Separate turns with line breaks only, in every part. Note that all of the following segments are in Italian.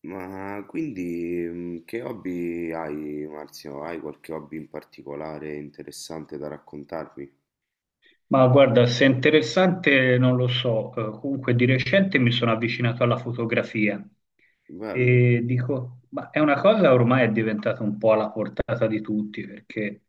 Ma quindi che hobby hai, Marzio? Hai qualche hobby in particolare interessante da raccontarmi?
Ma guarda, se è interessante non lo so, comunque di recente mi sono avvicinato alla fotografia
Bello.
e dico, ma è una cosa ormai è diventata un po' alla portata di tutti perché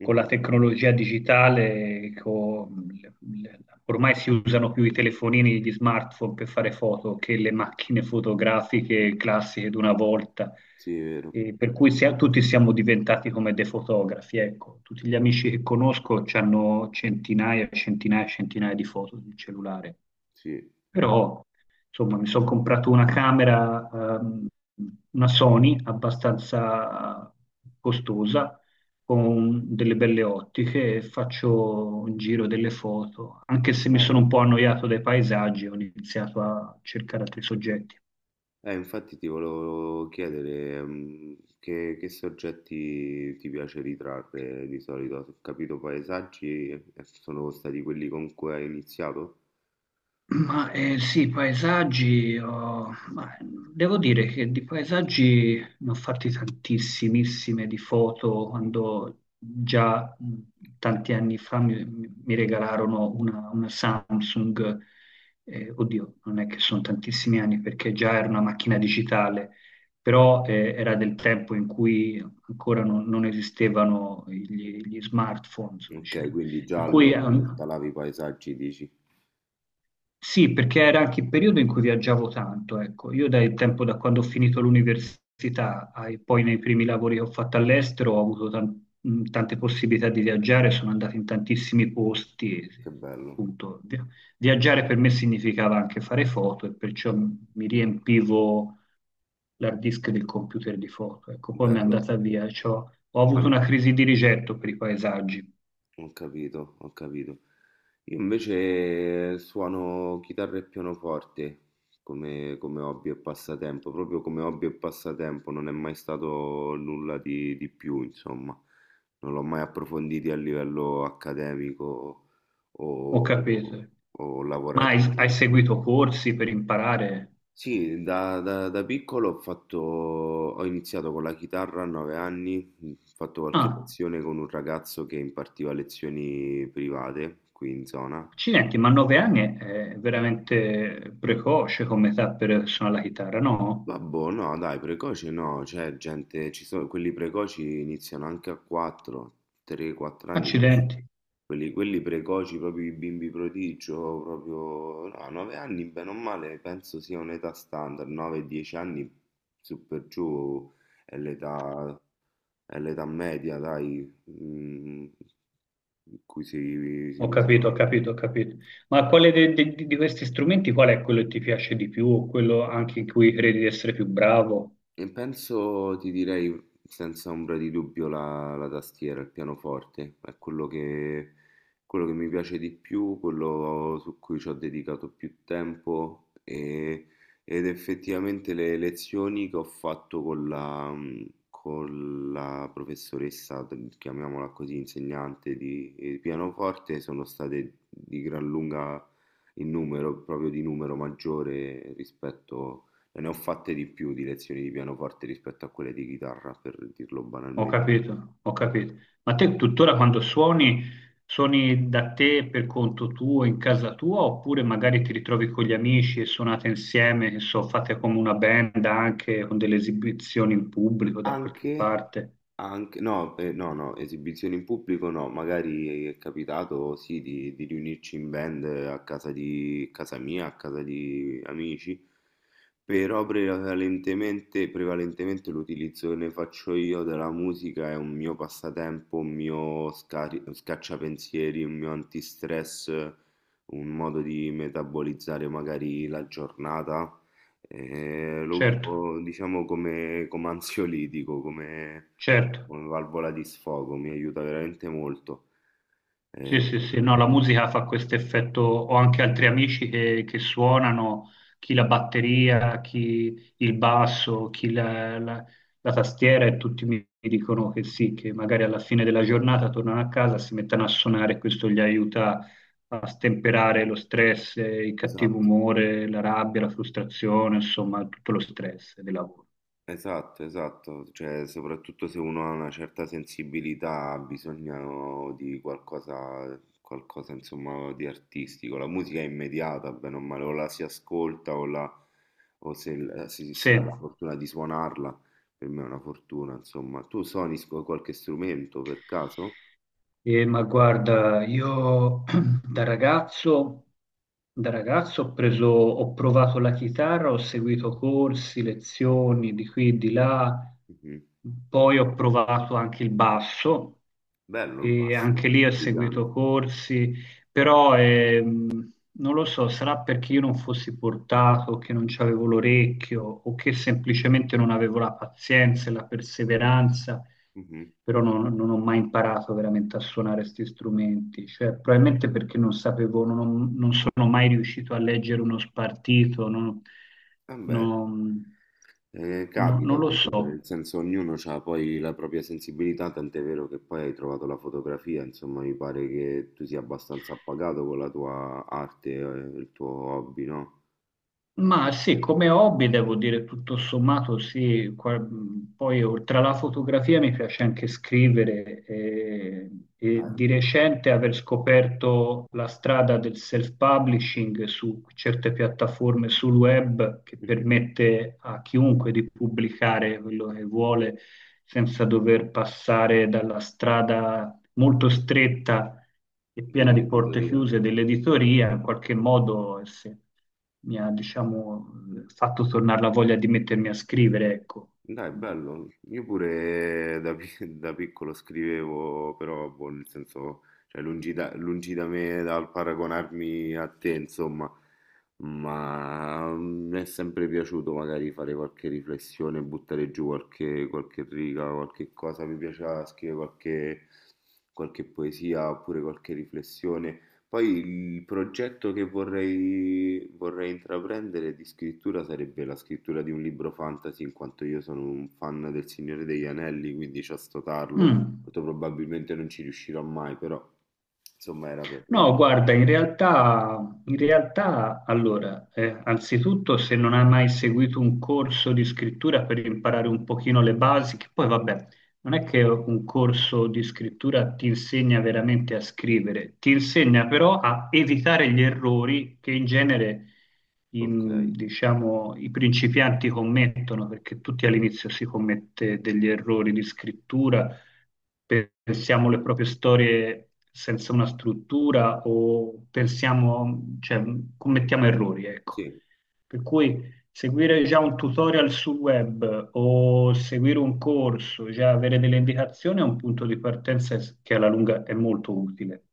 con la
Mhm.
tecnologia digitale, con le- ormai si usano più i telefonini, gli smartphone per fare foto che le macchine fotografiche classiche d'una volta.
Sì, è vero.
E per cui tutti siamo diventati come dei fotografi, ecco, tutti gli amici che conosco hanno centinaia e centinaia e centinaia di foto sul cellulare,
Sì,
però insomma mi sono comprato una camera, ehm, una Sony abbastanza costosa, con delle belle ottiche e faccio un giro delle foto, anche se mi sono
bello.
un po' annoiato dai paesaggi, ho iniziato a cercare altri soggetti.
Infatti ti volevo chiedere, che soggetti ti piace ritrarre di solito. Ho capito paesaggi, sono stati quelli con cui hai iniziato?
Ma sì, paesaggi, ma, devo dire che di paesaggi ne ho fatti tantissimissime di foto
Mm.
quando già tanti anni fa mi regalarono una Samsung, oddio, non è che sono tantissimi anni perché già era una macchina digitale, però era del tempo in cui ancora non esistevano gli smartphone,
Ok, quindi già
per cui
allora immortalavi i paesaggi, dici?
sì, perché era anche il periodo in cui viaggiavo tanto, ecco. Io dal tempo da quando ho finito l'università poi nei primi lavori che ho fatto all'estero ho avuto tante possibilità di viaggiare, sono andato in tantissimi posti, e,
Che bello,
appunto, viaggiare per me significava anche fare foto e perciò mi riempivo l'hard disk del computer di foto, ecco. Poi mi è
bello.
andata via, ho
Ma
avuto
mi-
una crisi di rigetto per i paesaggi.
Ho capito, ho capito. Io invece suono chitarra e pianoforte come, come hobby e passatempo, proprio come hobby e passatempo, non è mai stato nulla di più, insomma, non l'ho mai approfondito a livello accademico
Ho
o,
capito.
o
Ma hai
lavorativo.
seguito corsi per imparare?
Sì, da piccolo ho fatto, ho iniziato con la chitarra a 9 anni, mhmm, ho fatto qualche
Ah.
lezione con un ragazzo che impartiva lezioni private qui in zona.
Accidenti, ma 9 anni è veramente precoce come età per suonare la chitarra, no?
Vabbè, no, dai, precoce no, cioè gente, ci sono, quelli precoci iniziano anche a 4, 3-4 anni,
Accidenti,
quelli, quelli precoci, proprio i bimbi prodigio, proprio, no, 9 anni, bene o male, penso sia un'età standard, 9-10 anni, su per giù è l'età è l'età media, dai, mm, in cui si, si
ho
usa.
capito, ho capito, ho capito. Ma quale di questi strumenti, qual è quello che ti piace di più o quello anche in cui credi di essere più bravo?
E penso, ti direi senza ombra di dubbio, la, la tastiera, il pianoforte, è quello che mi piace di più, quello su cui ci ho dedicato più tempo ed effettivamente le lezioni che ho fatto con la professoressa, chiamiamola così, insegnante di pianoforte, sono state di gran lunga in numero, proprio di numero maggiore rispetto, ne ho fatte di più di lezioni di pianoforte rispetto a quelle di chitarra, per dirlo
Ho
banalmente.
capito, ho capito. Ma te tuttora quando suoni, suoni da te per conto tuo, in casa tua, oppure magari ti ritrovi con gli amici e suonate insieme, che so, fate come una band anche con delle esibizioni in pubblico da qualche
Anche,
parte?
anche, no, no, no, esibizioni in pubblico no, magari è capitato sì di riunirci in band a casa di, casa mia, a casa di amici. Però prevalentemente, prevalentemente l'utilizzo che ne faccio io della musica è un mio passatempo, un mio scacciapensieri, un mio antistress, un modo di metabolizzare magari la giornata. Lo
Certo,
uso diciamo come, come ansiolitico, come,
certo.
come valvola di sfogo, mi aiuta veramente molto.
Sì,
Eh,
sì, sì, no, la musica fa questo effetto. Ho anche altri amici che suonano, chi la batteria, chi il basso, chi la tastiera e tutti mi dicono che sì, che magari alla fine della giornata tornano a casa, si mettono a suonare e questo gli aiuta a stemperare lo stress, il cattivo
esatto.
umore, la rabbia, la frustrazione, insomma, tutto lo stress del lavoro.
Esatto, esatto, cioè soprattutto se uno ha una certa sensibilità ha bisogno di qualcosa, qualcosa insomma di artistico. La musica è immediata, bene o male, o la si ascolta o se si, si
Sì.
ha la fortuna di suonarla, per me è una fortuna, insomma. Tu suoni qualche strumento per caso?
Ma guarda, io da ragazzo, da ragazzo ho preso, ho provato la chitarra, ho seguito corsi, lezioni di qui e di là,
Mhm.
poi ho provato anche il basso
Bello il
e
basso,
anche lì ho
brillante.
seguito corsi, però non lo so, sarà perché io non fossi portato, che non c'avevo l'orecchio o che semplicemente non avevo la pazienza e la perseveranza,
Mhm.
però non ho mai imparato veramente a suonare questi strumenti, cioè probabilmente perché non sapevo, non sono mai riuscito a leggere uno spartito. non,
Vabbè.
non- no- non
Capita
lo
comunque,
so.
nel senso ognuno ha poi la propria sensibilità, tant'è vero che poi hai trovato la fotografia, insomma mi pare che tu sia abbastanza appagato con la tua arte, il tuo hobby, no?
Ma sì, come hobby devo dire tutto sommato sì, poi oltre alla fotografia mi piace anche scrivere e,
Dai.
di recente aver scoperto la strada del self-publishing su certe piattaforme sul web che
Mhm.
permette a chiunque di pubblicare quello che vuole senza dover passare dalla strada molto stretta è piena di porte
Dell'editoria.
chiuse dell'editoria, in qualche modo mi ha, diciamo, fatto tornare la voglia di mettermi a scrivere, ecco.
Dai, bello. Io pure da piccolo scrivevo, però boh, nel senso, cioè, lungi da me dal paragonarmi a te, insomma, mi è sempre piaciuto magari fare qualche riflessione, buttare giù qualche, qualche riga, qualche cosa, mi piaceva scrivere qualche, qualche poesia oppure qualche riflessione. Poi il progetto che vorrei, vorrei intraprendere di scrittura sarebbe la scrittura di un libro fantasy, in quanto io sono un fan del Signore degli Anelli, quindi c'ho sto tarlo.
Mm.
Molto probabilmente non ci riuscirò mai, però insomma era per...
No, guarda, in realtà, allora, anzitutto se non hai mai seguito un corso di scrittura per imparare un pochino le basi, che poi vabbè, non è che un corso di scrittura ti insegna veramente a scrivere, ti insegna però a evitare gli errori che in genere i,
Ok,
diciamo, i principianti commettono, perché tutti all'inizio si commette degli errori di scrittura, pensiamo le proprie storie senza una struttura o pensiamo, cioè, commettiamo errori, ecco.
sì,
Per cui seguire già un tutorial sul web o seguire un corso, già avere delle indicazioni è un punto di partenza che alla lunga è molto utile.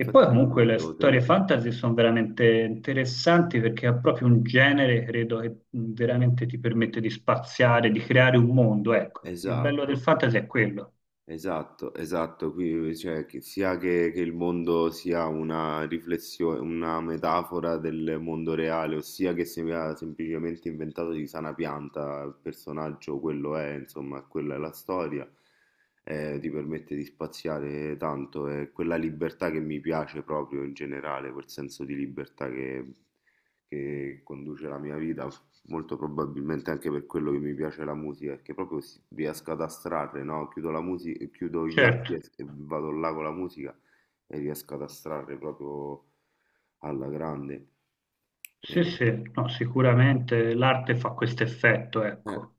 E poi comunque le
devo
storie
tenerlo.
fantasy sono veramente interessanti perché è proprio un genere, credo, che veramente ti permette di spaziare, di creare un mondo, ecco. Il bello del
Esatto.
fantasy è quello.
Esatto, esatto, qui cioè, che il mondo sia una riflessione, una metafora del mondo reale, ossia che sia semplicemente inventato di sana pianta il personaggio, quello è, insomma, quella è la storia, ti permette di spaziare tanto, è quella libertà che mi piace proprio in generale, quel senso di libertà che conduce la mia vita. Molto probabilmente anche per quello che mi piace la musica, perché proprio riesco ad astrarre, no? Chiudo la musica, chiudo gli
Certo,
occhi e vado là con la musica e riesco ad astrarre proprio alla grande.
sì,
E-
sì, no, sicuramente l'arte fa questo effetto,
eh.
ecco.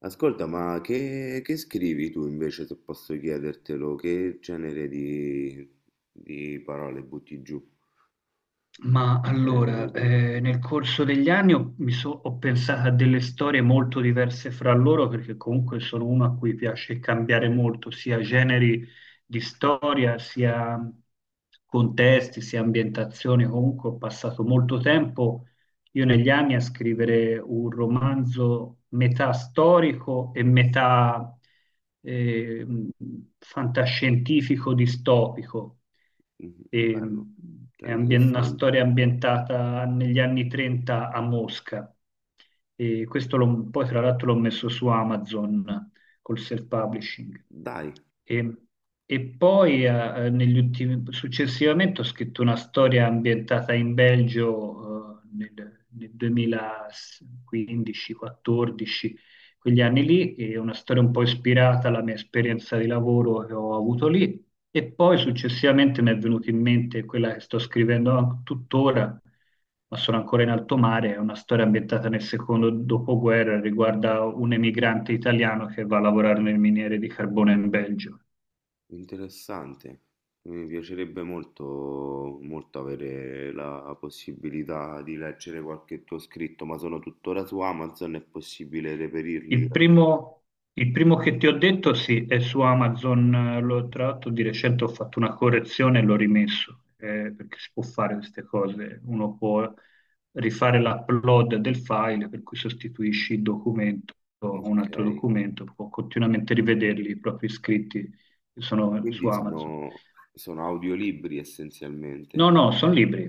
Ascolta, ma che scrivi tu invece, se posso chiedertelo? Che genere di parole butti giù?
Ma
Genere di
allora,
parole.
nel corso degli anni ho pensato a delle storie molto diverse fra loro perché comunque sono uno a cui piace cambiare molto, sia generi di storia, sia contesti, sia ambientazioni. Comunque ho passato molto tempo io negli anni a scrivere un romanzo metà storico e metà eh, mh, fantascientifico distopico.
Mhm,
E,
bello, cioè
una
interessante.
storia ambientata negli anni 30 a Mosca. E questo poi tra l'altro l'ho messo su Amazon col self-publishing.
Dai.
E, e poi successivamente ho scritto una storia ambientata in Belgio, nel 2015-14, quegli anni lì, e una storia un po' ispirata alla mia esperienza di lavoro che ho avuto lì, e poi successivamente mi è venuto in mente quella che sto scrivendo tuttora, ma sono ancora in alto mare, è una storia ambientata nel secondo dopoguerra, riguarda un emigrante italiano che va a lavorare nel miniere di carbone in Belgio.
Interessante, mi piacerebbe molto, molto avere la possibilità di leggere qualche tuo scritto, ma sono tuttora su Amazon, è possibile reperirli?
Il primo, il primo che ti ho detto, sì, è su Amazon. L'ho, tra l'altro di recente ho fatto una correzione e l'ho rimesso, perché si può fare queste cose. Uno può rifare l'upload del file, per cui sostituisci il documento a un
Ok,
altro documento, può continuamente rivederli i propri iscritti che sono su
quindi
Amazon.
sono, sono audiolibri essenzialmente.
No, no, sono libri.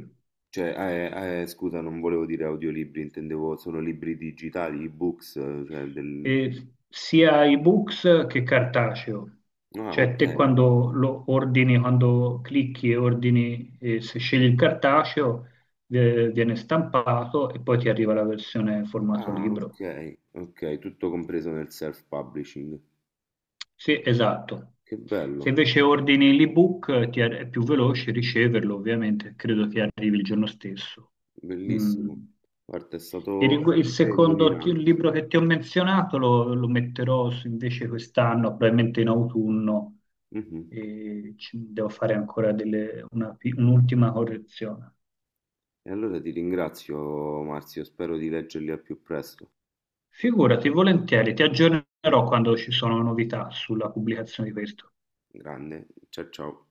Cioè, scusa, non volevo dire audiolibri, intendevo sono libri digitali, ebooks, cioè del...
Sia ebooks che cartaceo.
Ah,
Cioè
ok.
te quando lo ordini, quando clicchi e ordini, se scegli il cartaceo, viene stampato e poi ti arriva la versione formato
Ah,
libro.
ok, ok, tutto compreso nel self-publishing.
Sì, esatto.
Che
Se
bello.
invece ordini l'ebook, è più veloce riceverlo, ovviamente, credo ti arrivi il giorno stesso. Mm.
Bellissimo, guarda, è
Il,
stato
rigu- il
veramente
secondo
illuminante.
libro che ti ho menzionato lo metterò invece quest'anno, probabilmente in autunno,
Mhm.
e devo fare ancora un'ultima correzione.
E allora ti ringrazio, Marzio, spero di leggerli al più presto.
Figurati, volentieri, ti aggiornerò quando ci sono novità sulla pubblicazione di questo.
Grande, ciao ciao.